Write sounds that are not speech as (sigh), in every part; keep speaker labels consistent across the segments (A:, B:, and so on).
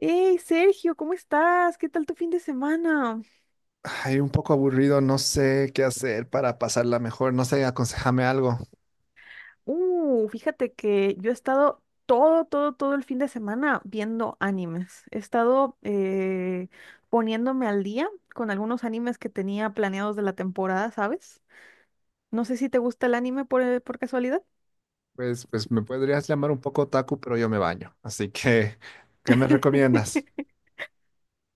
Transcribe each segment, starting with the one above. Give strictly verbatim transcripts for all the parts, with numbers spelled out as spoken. A: Hey Sergio, ¿cómo estás? ¿Qué tal tu fin de semana?
B: Ay, un poco aburrido, no sé qué hacer para pasarla mejor, no sé, aconsejame algo.
A: Uh, fíjate que yo he estado todo, todo, todo el fin de semana viendo animes. He estado eh, poniéndome al día con algunos animes que tenía planeados de la temporada, ¿sabes? No sé si te gusta el anime por, eh, por casualidad.
B: Pues, pues me podrías llamar un poco otaku, pero yo me baño. Así que, (laughs) ¿qué me recomiendas?
A: (laughs)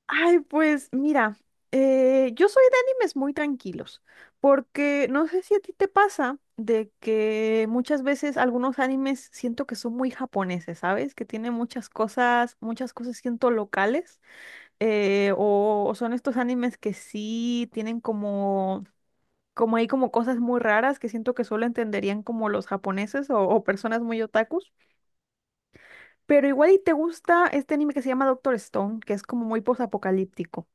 A: Ay, pues mira, eh, yo soy de animes muy tranquilos, porque no sé si a ti te pasa de que muchas veces algunos animes siento que son muy japoneses, ¿sabes? Que tienen muchas cosas, muchas cosas siento locales, eh, o, o son estos animes que sí tienen como, como hay como cosas muy raras que siento que solo entenderían como los japoneses o, o personas muy otakus, pero igual y te gusta este anime que se llama Doctor Stone, que es como muy posapocalíptico.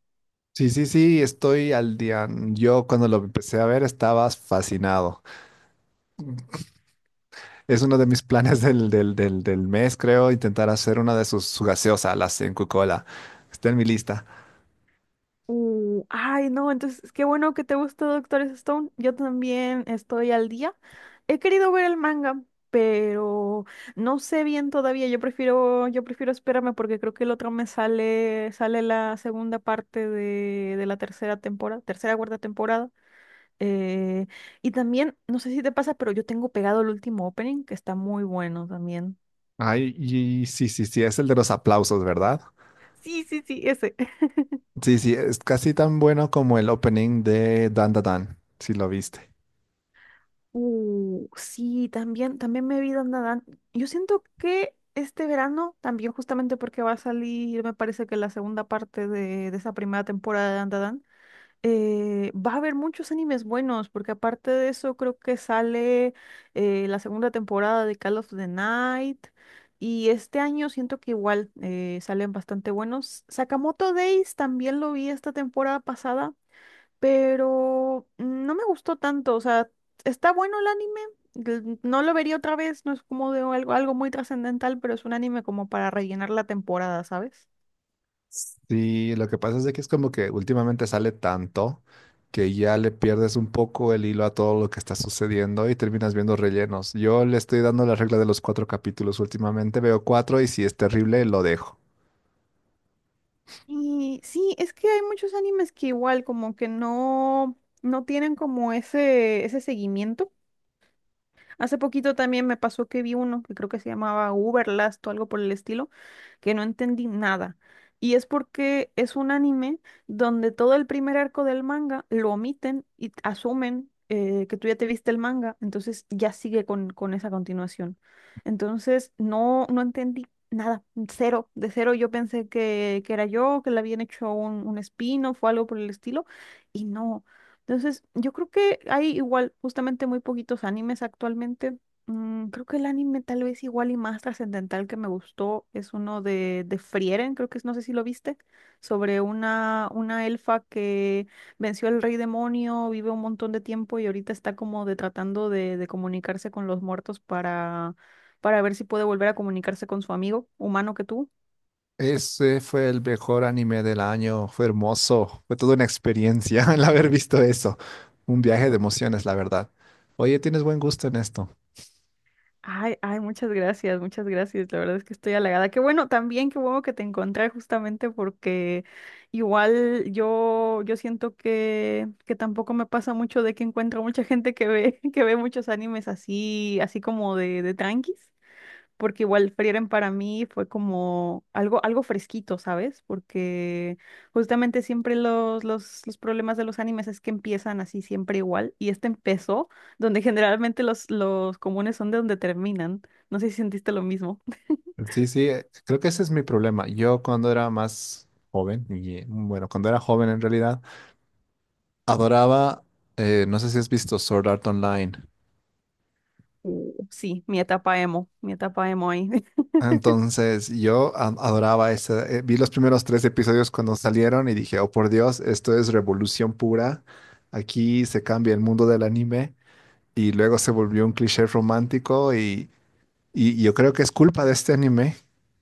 B: Sí, sí, sí, estoy al día. Yo cuando lo empecé a ver estaba fascinado. Es uno de mis planes del, del, del, del mes, creo, intentar hacer una de sus, su gaseosa, la sin Coca-Cola. Está en mi lista.
A: Uh, ay, no, entonces qué bueno que te gustó Doctor Stone. Yo también estoy al día. He querido ver el manga, pero no sé bien todavía. Yo prefiero, yo prefiero esperarme porque creo que el otro me sale, sale la segunda parte de, de la tercera temporada, tercera, cuarta temporada. Eh, y también, no sé si te pasa, pero yo tengo pegado el último opening que está muy bueno también.
B: Ay, y sí, sí, sí, es el de los aplausos, ¿verdad?
A: Sí, sí, sí, ese.
B: Sí, sí, es casi tan bueno como el opening de Dan Da Dan, si lo viste.
A: Uh, sí, también, también me vi Dandadan. Yo siento que este verano, también justamente porque va a salir, me parece que la segunda parte de, de esa primera temporada de Dandadan, eh, va a haber muchos animes buenos, porque aparte de eso creo que sale eh, la segunda temporada de Call of the Night, y este año siento que igual eh, salen bastante buenos. Sakamoto Days también lo vi esta temporada pasada pero no me gustó tanto, o sea, está bueno el anime, l- no lo vería otra vez, no es como de algo, algo muy trascendental, pero es un anime como para rellenar la temporada, ¿sabes?
B: Sí, lo que pasa es de que es como que últimamente sale tanto que ya le pierdes un poco el hilo a todo lo que está sucediendo y terminas viendo rellenos. Yo le estoy dando la regla de los cuatro capítulos últimamente, veo cuatro y si es terrible lo dejo.
A: Y sí, es que hay muchos animes que igual como que no, no tienen como ese, ese seguimiento. Hace poquito también me pasó que vi uno que creo que se llamaba Uberlast o algo por el estilo, que no entendí nada. Y es porque es un anime donde todo el primer arco del manga lo omiten y asumen eh, que tú ya te viste el manga, entonces ya sigue con, con esa continuación. Entonces no, no entendí nada, cero, de cero yo pensé que, que era yo, que le habían hecho un, un spin-off o algo por el estilo, y no, entonces, yo creo que hay igual justamente muy poquitos animes actualmente. Mm, creo que el anime tal vez igual y más trascendental que me gustó es uno de, de Frieren, creo que es, no sé si lo viste, sobre una, una elfa que venció al rey demonio, vive un montón de tiempo y ahorita está como de tratando de, de comunicarse con los muertos para, para ver si puede volver a comunicarse con su amigo humano que tuvo.
B: Ese fue el mejor anime del año, fue hermoso, fue toda una experiencia (laughs) el haber visto eso. Un viaje de emociones, la verdad. Oye, tienes buen gusto en esto.
A: Ay, ay, muchas gracias, muchas gracias. La verdad es que estoy halagada. Qué bueno también, qué bueno que te encontré justamente porque igual yo, yo siento que, que tampoco me pasa mucho de que encuentro mucha gente que ve, (laughs) que ve muchos animes así, así como de, de tranquis porque igual Frieren para mí fue como algo, algo fresquito, ¿sabes? Porque justamente siempre los, los, los problemas de los animes es que empiezan así siempre igual, y este empezó donde (laughs) generalmente los, los comunes son de donde terminan. No sé si sentiste lo mismo.
B: Sí, sí, eh, creo que ese es mi problema. Yo cuando era más joven, y eh, bueno, cuando era joven en realidad, adoraba, eh, no sé si has visto Sword Art Online.
A: Uh, Sí, mi etapa emo, mi etapa emo ahí. (laughs)
B: Entonces yo a- adoraba ese, eh, vi los primeros tres episodios cuando salieron y dije, oh por Dios, esto es revolución pura, aquí se cambia el mundo del anime y luego se volvió un cliché romántico. Y Y yo creo que es culpa de este anime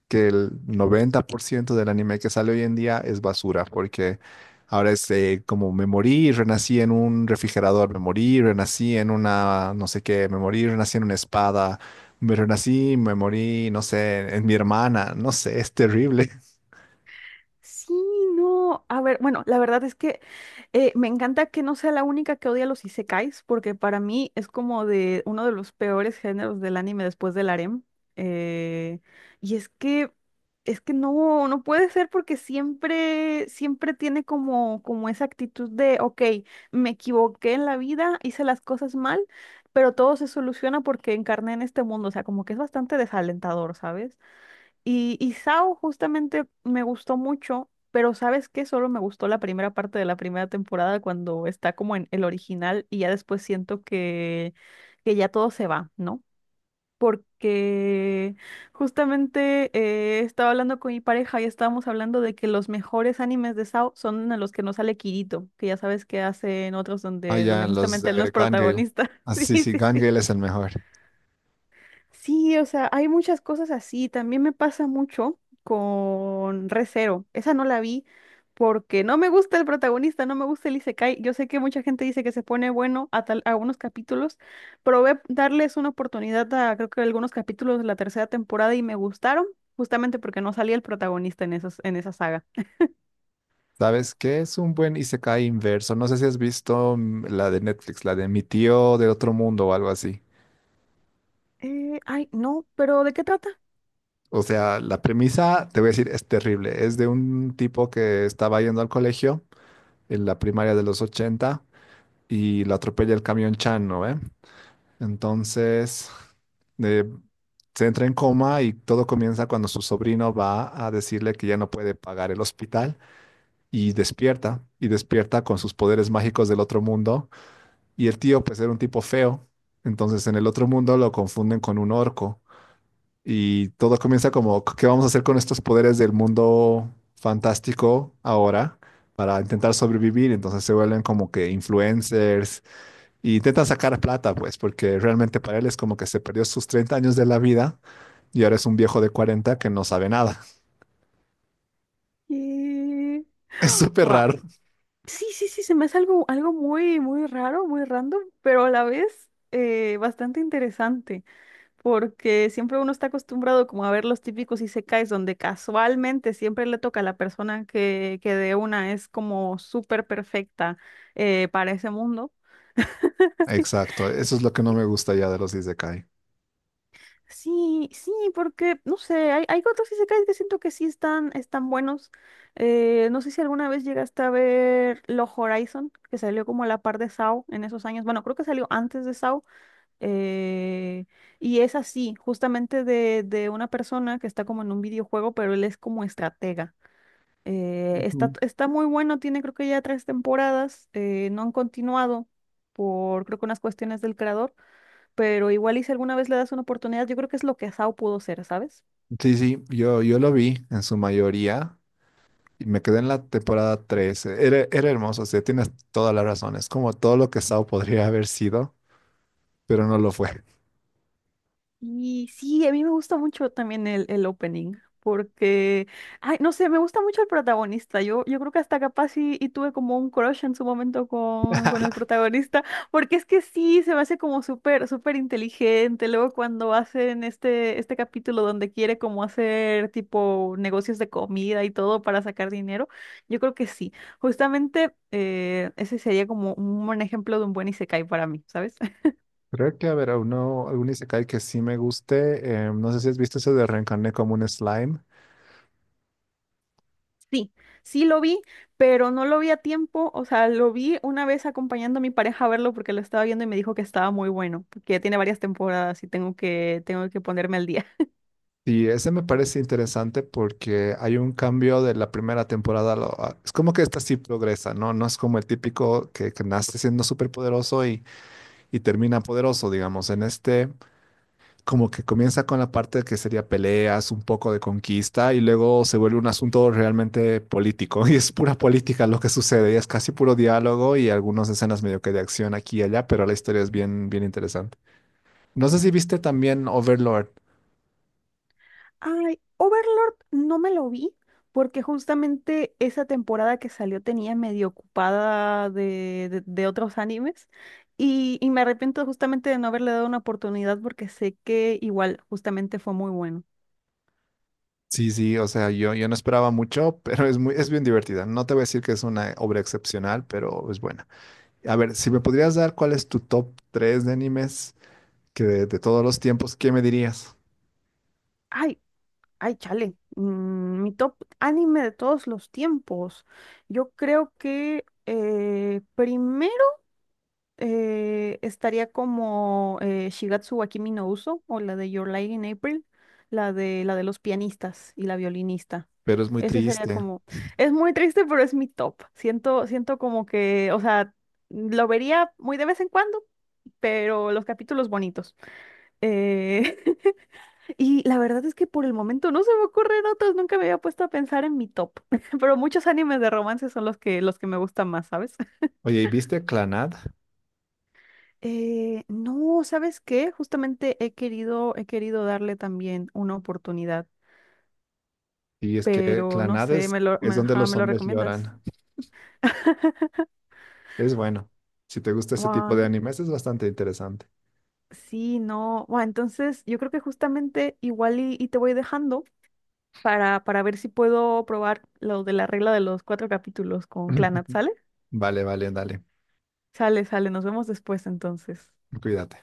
B: que el noventa por ciento del anime que sale hoy en día es basura, porque ahora es eh, como me morí y renací en un refrigerador, me morí y renací en una no sé qué, me morí y renací en una espada, me renací, y me morí, no sé, en mi hermana, no sé, es terrible. (laughs)
A: Sí, no. A ver, bueno, la verdad es que eh, me encanta que no sea la única que odia los isekais, porque para mí es como de uno de los peores géneros del anime después del harem. Eh, y es que, es que no, no puede ser porque siempre, siempre tiene como, como esa actitud de, ok, me equivoqué en la vida, hice las cosas mal, pero todo se soluciona porque encarné en este mundo. O sea, como que es bastante desalentador, ¿sabes? Y, y Sao justamente me gustó mucho, pero ¿sabes qué? Solo me gustó la primera parte de la primera temporada cuando está como en el original y ya después siento que, que ya todo se va, ¿no? Porque justamente eh, estaba hablando con mi pareja y estábamos hablando de que los mejores animes de Sao son en los que no sale Kirito, que ya sabes que hacen otros
B: Ah,
A: donde, donde
B: ya, los
A: justamente él no es
B: de Gun Gale.
A: protagonista. (laughs)
B: Ah,
A: Sí,
B: sí, sí,
A: sí,
B: Gun
A: sí.
B: Gale es el mejor.
A: Sí, o sea, hay muchas cosas así. También me pasa mucho con Re:Zero. Esa no la vi porque no me gusta el protagonista, no me gusta el Isekai. Yo sé que mucha gente dice que se pone bueno a tal, a algunos capítulos. Probé darles una oportunidad a creo que algunos capítulos de la tercera temporada y me gustaron, justamente porque no salía el protagonista en esos, en esa saga.
B: ¿Sabes qué? Es un buen Isekai inverso. No sé si has visto mm, la de Netflix, la de Mi tío de otro mundo o algo así.
A: Eh, ay, no, pero ¿de qué trata?
B: O sea, la premisa, te voy a decir, es terrible. Es de un tipo que estaba yendo al colegio en la primaria de los ochenta y lo atropella el camión Chan, ¿no? ve? Entonces, eh, se entra en coma y todo comienza cuando su sobrino va a decirle que ya no puede pagar el hospital y despierta, y despierta con sus poderes mágicos del otro mundo. Y el tío, pues era un tipo feo, entonces en el otro mundo lo confunden con un orco y todo comienza como, ¿qué vamos a hacer con estos poderes del mundo fantástico ahora para intentar sobrevivir? Entonces se vuelven como que influencers y intentan sacar plata, pues, porque realmente para él es como que se perdió sus treinta años de la vida y ahora es un viejo de cuarenta que no sabe nada. (laughs)
A: Eh,
B: Es súper raro.
A: Sí, sí, sí, se me hace algo, algo muy, muy raro, muy random, pero a la vez eh, bastante interesante, porque siempre uno está acostumbrado como a ver los típicos isekais donde casualmente siempre le toca a la persona que, que de una es como súper perfecta eh, para ese mundo. (laughs)
B: Exacto, eso es lo que no me gusta ya de los Isekai.
A: Sí, sí, porque, no sé, hay, hay otros isekais que siento que sí están, están buenos. Eh, no sé si alguna vez llegaste a ver Log Horizon, que salió como a la par de S A O en esos años. Bueno, creo que salió antes de S A O. eh, y es así, justamente de, de una persona que está como en un videojuego, pero él es como estratega. Eh, está,
B: Ujú.
A: está muy bueno, tiene creo que ya tres temporadas, eh, no han continuado por creo que unas cuestiones del creador pero igual y si alguna vez le das una oportunidad, yo creo que es lo que Sao pudo ser, ¿sabes?
B: Sí, sí, yo, yo lo vi en su mayoría. Y me quedé en la temporada tres. Era, era hermoso, o sea, tienes toda la razón. Es como todo lo que Sao podría haber sido, pero no lo fue.
A: Y sí, a mí me gusta mucho también el, el opening, porque, ay, no sé, me gusta mucho el protagonista. Yo, yo creo que hasta capaz y, y tuve como un crush en su momento con, con el protagonista, (laughs) porque es que sí, se me hace como súper, súper inteligente. Luego cuando hacen este, este capítulo donde quiere como hacer tipo negocios de comida y todo para sacar dinero, yo creo que sí. Justamente eh, ese sería como un buen ejemplo de un buen isekai para mí, ¿sabes?
B: Creo que, a ver, a uno, algún isekai que sí me guste. Eh, no sé si has visto eso de reencarné como un slime.
A: Sí, sí lo vi, pero no lo vi a tiempo, o sea, lo vi una vez acompañando a mi pareja a verlo porque lo estaba viendo y me dijo que estaba muy bueno, que tiene varias temporadas y tengo que, tengo que ponerme al día.
B: Sí, ese me parece interesante porque hay un cambio de la primera temporada. A lo- a- es como que esta sí progresa, ¿no? No es como el típico que, que nace siendo súper poderoso y, y termina poderoso, digamos. En este como que comienza con la parte que sería peleas, un poco de conquista, y luego se vuelve un asunto realmente político, (laughs) y es pura política lo que sucede, y es casi puro diálogo y algunas escenas medio que de acción aquí y allá, pero la historia es bien, bien interesante. No sé si viste también Overlord.
A: (laughs) Ay, Overlord no me lo vi porque justamente esa temporada que salió tenía medio ocupada de, de, de otros animes y, y me arrepiento justamente de no haberle dado una oportunidad porque sé que igual justamente fue muy bueno.
B: Sí, sí, o sea, yo, yo no esperaba mucho, (laughs) pero es muy, es bien divertida. No te voy a decir que es una obra excepcional, pero es buena. A ver, si me podrías dar cuál es tu top tres de animes que de, de todos los tiempos, ¿qué me dirías?
A: Ay, ay, chale. Mm, mi top anime de todos los tiempos. Yo creo que eh, primero eh, estaría como eh, Shigatsu wa Kimi no Uso o la de Your Lie in April, la de, la de los pianistas y la violinista.
B: Pero es muy
A: Ese sería
B: triste.
A: como... Es muy triste, pero es mi top. Siento, siento como que, o sea, lo vería muy de vez en cuando, pero los capítulos bonitos. Eh, (laughs) Y la verdad es que por el momento no se me ocurren otros, nunca me había puesto a pensar en mi top, (laughs) pero muchos animes de romance son los que, los que me gustan más, ¿sabes? (laughs)
B: Oye, ¿y viste Clanad?
A: Eh, no, ¿sabes qué? Justamente he querido, he querido darle también una oportunidad,
B: Y es que
A: pero no
B: Clanad
A: sé,
B: es,
A: ¿me lo,
B: es
A: me,
B: donde
A: ajá,
B: los
A: ¿me lo
B: hombres
A: recomiendas?
B: lloran.
A: (laughs)
B: Es bueno. Si te gusta ese tipo de
A: Guau,
B: animes, es bastante interesante.
A: sí, no. Guau, entonces yo creo que justamente igual y, y te voy dejando para, para ver si puedo probar lo de la regla de los cuatro capítulos con Clanat,
B: (laughs)
A: ¿sale?
B: Vale, vale, dale.
A: Sale, sale, nos vemos después entonces.
B: Cuídate.